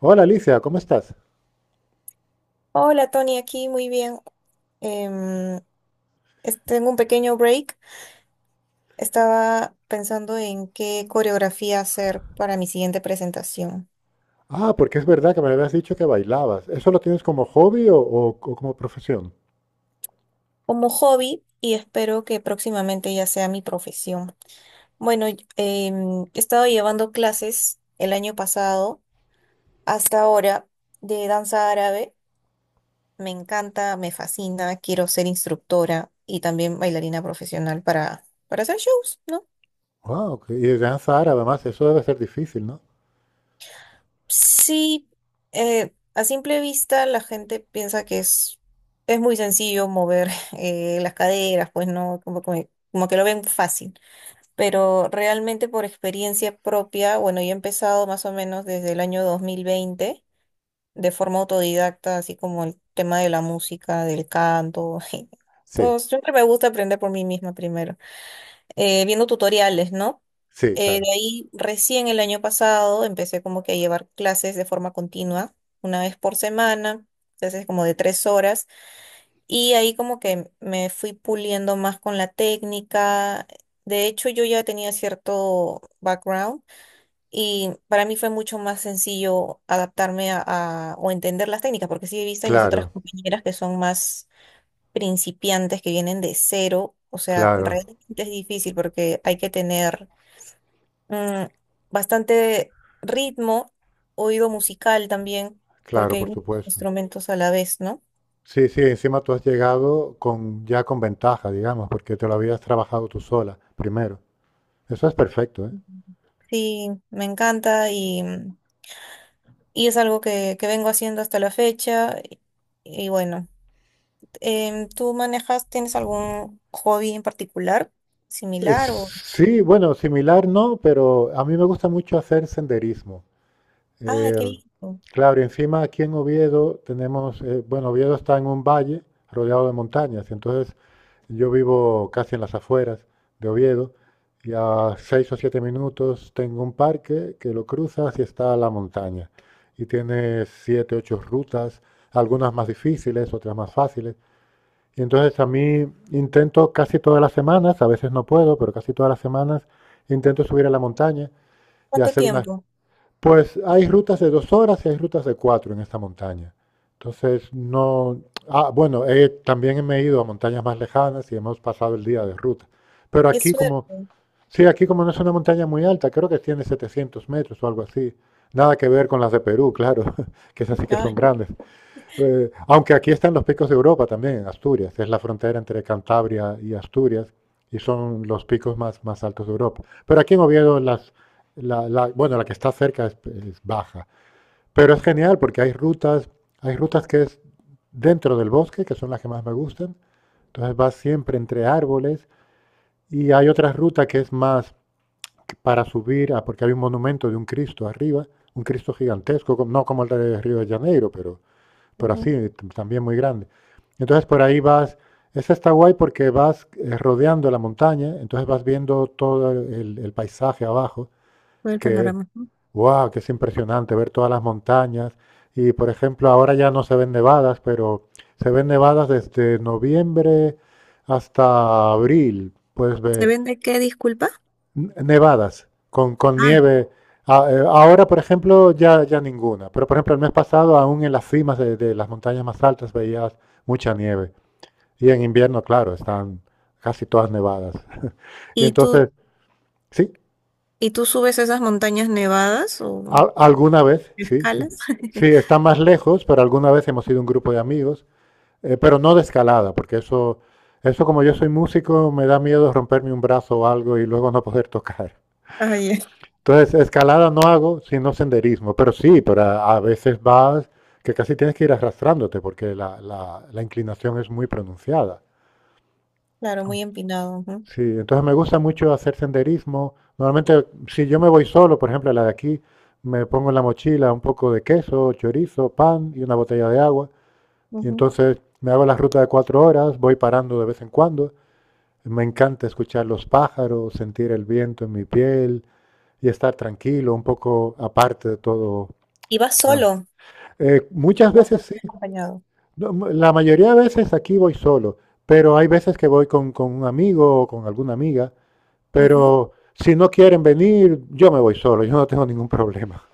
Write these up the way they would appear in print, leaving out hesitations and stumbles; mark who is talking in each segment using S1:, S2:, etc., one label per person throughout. S1: Hola Alicia, ¿cómo estás?
S2: Hola Tony, aquí muy bien. Em, tengo un pequeño break. Estaba pensando en qué coreografía hacer para mi siguiente presentación
S1: Ah, porque es verdad que me habías dicho que bailabas. ¿Eso lo tienes como hobby o como profesión?
S2: como hobby y espero que próximamente ya sea mi profesión. Bueno, he estado llevando clases el año pasado hasta ahora de danza árabe. Me encanta, me fascina, quiero ser instructora y también bailarina profesional para hacer shows, ¿no?
S1: Wow, y de danza árabe además, eso debe ser difícil, ¿no?
S2: Sí, a simple vista la gente piensa que es muy sencillo mover las caderas, pues no, como que lo ven fácil, pero realmente por experiencia propia, bueno, yo he empezado más o menos desde el año 2020 de forma autodidacta, así como el tema de la música, del canto.
S1: Sí,
S2: Todos siempre me gusta aprender por mí misma primero, viendo tutoriales, ¿no?
S1: sí, claro.
S2: De ahí recién el año pasado empecé como que a llevar clases de forma continua, una vez por semana, clases como de 3 horas, y ahí como que me fui puliendo más con la técnica. De hecho, yo ya tenía cierto background y para mí fue mucho más sencillo adaptarme o entender las técnicas, porque sí he visto en mis
S1: Claro,
S2: otras compañeras que son más principiantes que vienen de cero, o sea,
S1: claro,
S2: realmente es difícil porque hay que tener mm, bastante ritmo, oído musical también, porque
S1: claro,
S2: hay
S1: por
S2: muchos
S1: supuesto.
S2: instrumentos a la vez, ¿no?
S1: Sí, sí, encima tú has llegado ya con ventaja, digamos, porque te lo habías trabajado tú sola primero. Eso es perfecto, ¿eh?
S2: Ujú. Sí, me encanta y es algo que vengo haciendo hasta la fecha. Y bueno, ¿tú manejas, tienes algún hobby en particular similar o...
S1: Sí, bueno, similar no, pero a mí me gusta mucho hacer senderismo.
S2: ¡Ay,
S1: Eh,
S2: qué lindo!
S1: claro, y encima aquí en Oviedo tenemos, bueno, Oviedo está en un valle rodeado de montañas, y entonces yo vivo casi en las afueras de Oviedo y a seis o siete minutos tengo un parque que lo cruzas y está la montaña. Y tiene siete, ocho rutas, algunas más difíciles, otras más fáciles. Y entonces a mí intento casi todas las semanas, a veces no puedo, pero casi todas las semanas intento subir a la montaña y
S2: ¿Cuánto
S1: hacer unas
S2: tiempo?
S1: pues hay rutas de dos horas y hay rutas de cuatro en esta montaña. Entonces, no. Ah, bueno, también me he ido a montañas más lejanas y hemos pasado el día de ruta. Pero
S2: ¡Qué
S1: aquí,
S2: suerte!
S1: como. Sí, aquí, como no es una montaña muy alta, creo que tiene 700 metros o algo así. Nada que ver con las de Perú, claro, que esas sí que
S2: Ay,
S1: son grandes. Aunque aquí están los picos de Europa también, Asturias, es la frontera entre Cantabria y Asturias, y son los picos más altos de Europa. Pero aquí en Oviedo, bueno, la que está cerca es baja. Pero es genial porque hay rutas que es dentro del bosque, que son las que más me gustan. Entonces vas siempre entre árboles y hay otra ruta que es más para subir, porque hay un monumento de un Cristo arriba, un Cristo gigantesco, no como el de Río de Janeiro, pero
S2: ujú.
S1: así, también muy grande. Entonces por ahí vas, esa está guay porque vas rodeando la montaña, entonces vas viendo todo el paisaje abajo,
S2: Todo el
S1: que,
S2: panorama.
S1: wow, que es impresionante ver todas las montañas. Y por ejemplo, ahora ya no se ven nevadas, pero se ven nevadas desde noviembre hasta abril, puedes
S2: ¿Se
S1: ver.
S2: vende qué, disculpa?
S1: Nevadas, con
S2: Ah,
S1: nieve. Ahora, por ejemplo, ya ninguna. Pero, por ejemplo, el mes pasado, aún en las cimas de las montañas más altas, veías mucha nieve. Y en invierno, claro, están casi todas nevadas. Y
S2: ¿y tú,
S1: entonces, sí,
S2: y tú subes esas montañas nevadas o
S1: alguna vez, sí, sí.
S2: escalas?
S1: Sí, están más lejos, pero alguna vez hemos ido un grupo de amigos, pero no de escalada, porque eso, como yo soy músico, me da miedo romperme un brazo o algo y luego no poder tocar.
S2: Ah, ya.
S1: Entonces, escalada no hago, sino senderismo, pero sí, pero a veces vas que casi tienes que ir arrastrándote porque la inclinación es muy pronunciada.
S2: Claro, muy empinado. Ujú,
S1: Sí, entonces me gusta mucho hacer senderismo. Normalmente, si yo me voy solo, por ejemplo, a la de aquí, me pongo en la mochila un poco de queso, chorizo, pan y una botella de agua. Y
S2: ujú.
S1: entonces me hago la ruta de cuatro horas, voy parando de vez en cuando. Me encanta escuchar los pájaros, sentir el viento en mi piel y estar tranquilo, un poco aparte de todo,
S2: ¿Y vas
S1: ya.
S2: solo
S1: Muchas
S2: o
S1: veces
S2: también
S1: sí.
S2: acompañado?
S1: No, la mayoría de veces aquí voy solo, pero hay veces que voy con un amigo o con alguna amiga,
S2: Ujú.
S1: pero si no quieren venir, yo me voy solo, yo no tengo ningún problema.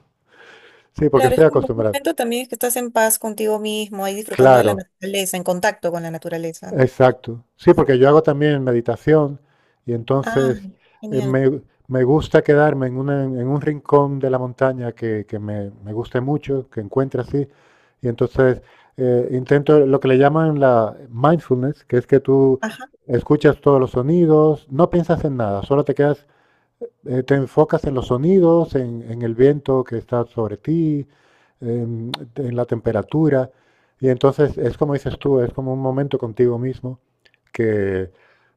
S1: Sí, porque
S2: Claro,
S1: estoy
S2: es como un
S1: acostumbrado.
S2: momento también que estás en paz contigo mismo, ahí disfrutando de la
S1: Claro,
S2: naturaleza, en contacto con la naturaleza, ¿no?
S1: exacto. Sí, porque yo hago también meditación y
S2: Ah,
S1: entonces eh,
S2: genial.
S1: me, me gusta quedarme en un rincón de la montaña que me guste mucho, que encuentre así. Y entonces intento lo que le llaman la mindfulness, que es que tú
S2: Ajá.
S1: escuchas todos los sonidos, no piensas en nada, solo te quedas, te enfocas en los sonidos, en el viento que está sobre ti, en la temperatura. Y entonces es como dices tú, es como un momento contigo mismo que,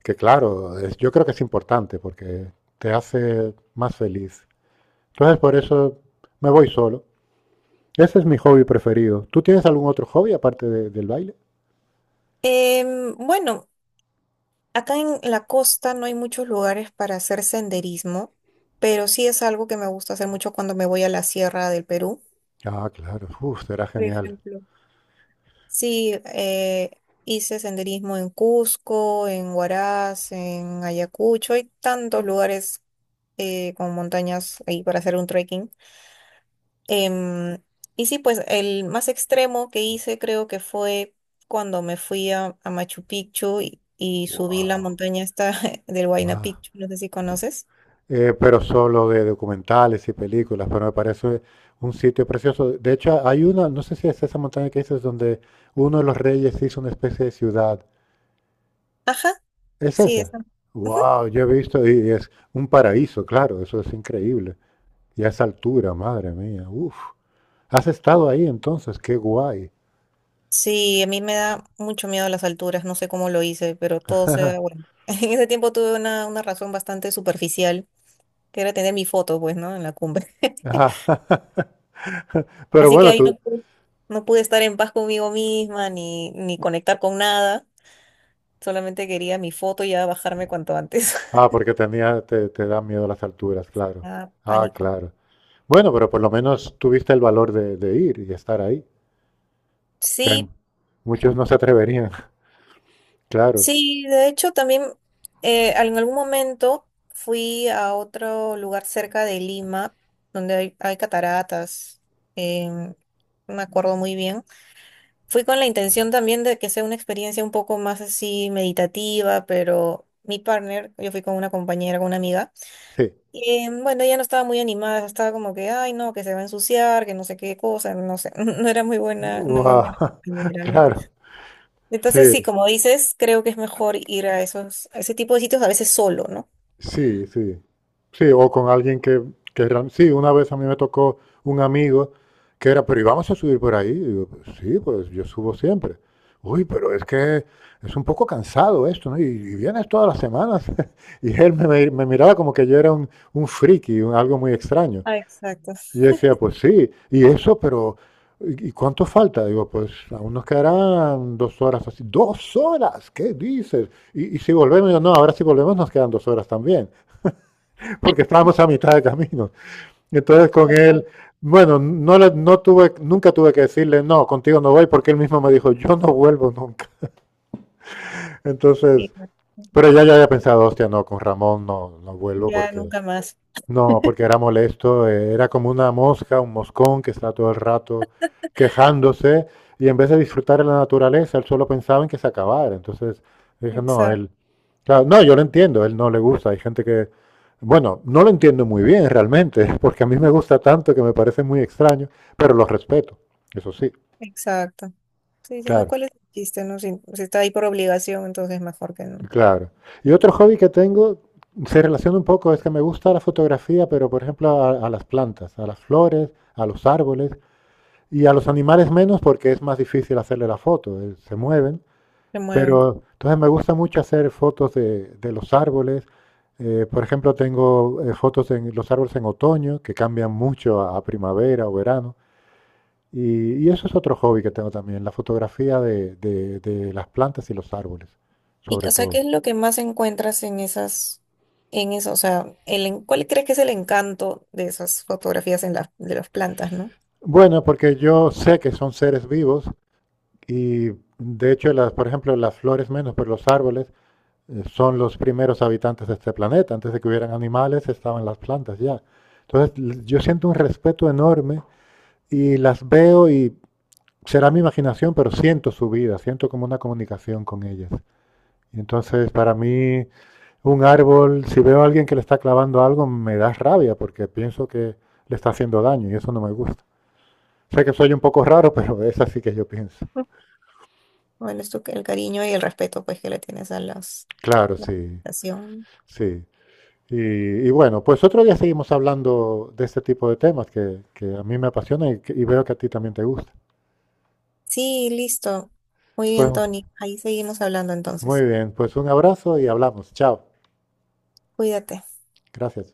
S1: que claro, yo creo que es importante porque te hace más feliz. Entonces por eso me voy solo. Ese es mi hobby preferido. ¿Tú tienes algún otro hobby aparte del baile?
S2: Bueno, acá en la costa no hay muchos lugares para hacer senderismo, pero sí es algo que me gusta hacer mucho cuando me voy a la sierra del Perú,
S1: Ah, claro. Uf, será
S2: por
S1: genial.
S2: ejemplo. Sí, hice senderismo en Cusco, en Huaraz, en Ayacucho. Hay tantos lugares, con montañas ahí para hacer un trekking. Em, y sí, pues el más extremo que hice creo que fue cuando me fui a Machu Picchu y subí la montaña esta del Huayna
S1: Wow.
S2: Picchu. No sé si conoces.
S1: Pero solo de documentales y películas, pero me parece un sitio precioso. De hecho, hay una, no sé si es esa montaña que dices, donde uno de los reyes hizo una especie de ciudad.
S2: Ajá,
S1: ¿Es
S2: sí,
S1: esa?
S2: esa.
S1: Wow, yo he visto y es un paraíso, claro, eso es increíble. Y a esa altura, madre mía, uff. Has estado ahí entonces, qué guay.
S2: Sí, a mí me da mucho miedo las alturas, no sé cómo lo hice, pero todo se bueno. En ese tiempo tuve una razón bastante superficial, que era tener mi foto, pues, ¿no? En la cumbre.
S1: Ah, pero
S2: Así que
S1: bueno.
S2: ahí no pude estar en paz conmigo misma ni conectar con nada, solamente quería mi foto y ya bajarme cuanto antes.
S1: Ah, porque te da miedo las alturas, claro.
S2: Ah,
S1: Ah,
S2: pánico.
S1: claro. Bueno, pero por lo menos tuviste el valor de ir y estar ahí, que hay
S2: Sí,
S1: muchos no se atreverían, claro.
S2: sí, de hecho también, en algún momento fui a otro lugar cerca de Lima, donde hay cataratas. em, no me acuerdo muy bien. Fui con la intención también de que sea una experiencia un poco más así meditativa, pero mi partner, yo fui con una compañera, con una amiga,
S1: Sí.
S2: y bueno, ella no estaba muy animada, estaba como que, ay no, que se va a ensuciar, que no sé qué cosa, no sé, no era muy buena, una muy buena
S1: Guau,
S2: compañera, ¿no?
S1: claro,
S2: Entonces,
S1: sí.
S2: sí, como dices, creo que es mejor ir a esos, a ese tipo de sitios a veces solo, ¿no?
S1: Sí, sí. Sí, o con alguien sí, una vez a mí me tocó un amigo que era, pero ¿y vamos a subir por ahí? Y digo, "Pues sí, pues yo subo siempre. Uy, pero es que es un poco cansado esto, ¿no? Y vienes todas las semanas." Y él me miraba como que yo era un friki, algo muy extraño.
S2: Ah, exacto.
S1: Y yo decía, pues sí, y eso, pero ¿y cuánto falta? Digo, pues aún nos quedarán dos horas así. ¿Dos horas? ¿Qué dices? Y si volvemos, no, ahora si volvemos nos quedan dos horas también porque estábamos a mitad de camino. Entonces con él,
S2: Ya
S1: bueno, no, nunca tuve que decirle, no, contigo no voy, porque él mismo me dijo, yo no vuelvo nunca. Entonces,
S2: no
S1: pero ya había pensado, hostia, no, con Ramón no, no vuelvo
S2: Ya
S1: porque
S2: nunca más.
S1: no, porque era molesto, era como una mosca, un moscón que está todo el rato quejándose y en vez de disfrutar de la naturaleza, él solo pensaba en que se acabara. Entonces dije, no,
S2: Exacto,
S1: él, claro, no, yo lo entiendo, él no le gusta, hay gente que, bueno, no lo entiendo muy bien realmente, porque a mí me gusta tanto que me parece muy extraño, pero lo respeto, eso sí,
S2: exacto. Sí, si no,
S1: claro,
S2: ¿cuál es el chiste? No, si está ahí por obligación, entonces mejor que no
S1: claro. Y otro hobby que tengo se relaciona un poco, es que me gusta la fotografía, pero por ejemplo a las plantas, a las flores, a los árboles. Y a los animales menos porque es más difícil hacerle la foto, se mueven.
S2: se mueven.
S1: Pero entonces me gusta mucho hacer fotos de los árboles. Por ejemplo, tengo fotos de los árboles en otoño, que cambian mucho a primavera o verano. Y eso es otro hobby que tengo también, la fotografía de las plantas y los árboles,
S2: Y,
S1: sobre
S2: o sea,
S1: todo.
S2: ¿qué es lo que más encuentras en esas, en eso? O sea, ¿cuál crees que es el encanto de esas fotografías en las de las plantas, ¿no?
S1: Bueno, porque yo sé que son seres vivos y de hecho, por ejemplo, las flores menos, pero los árboles son los primeros habitantes de este planeta. Antes de que hubieran animales estaban las plantas ya. Entonces yo siento un respeto enorme y las veo y será mi imaginación, pero siento su vida, siento como una comunicación con ellas. Y entonces para mí un árbol, si veo a alguien que le está clavando algo, me da rabia porque pienso que le está haciendo daño y eso no me gusta. Sé que soy un poco raro, pero es así que yo pienso.
S2: Mm. Bueno, el cariño y el respeto, pues, que le tienes a las,
S1: Claro,
S2: la
S1: sí,
S2: plantación.
S1: sí. Y, y bueno, pues otro día seguimos hablando de este tipo de temas que a mí me apasiona y veo que a ti también te gusta.
S2: Sí, listo. Muy
S1: Pues
S2: bien, Tony. Ahí seguimos hablando entonces.
S1: muy bien, pues un abrazo y hablamos. Chao.
S2: Cuídate.
S1: Gracias.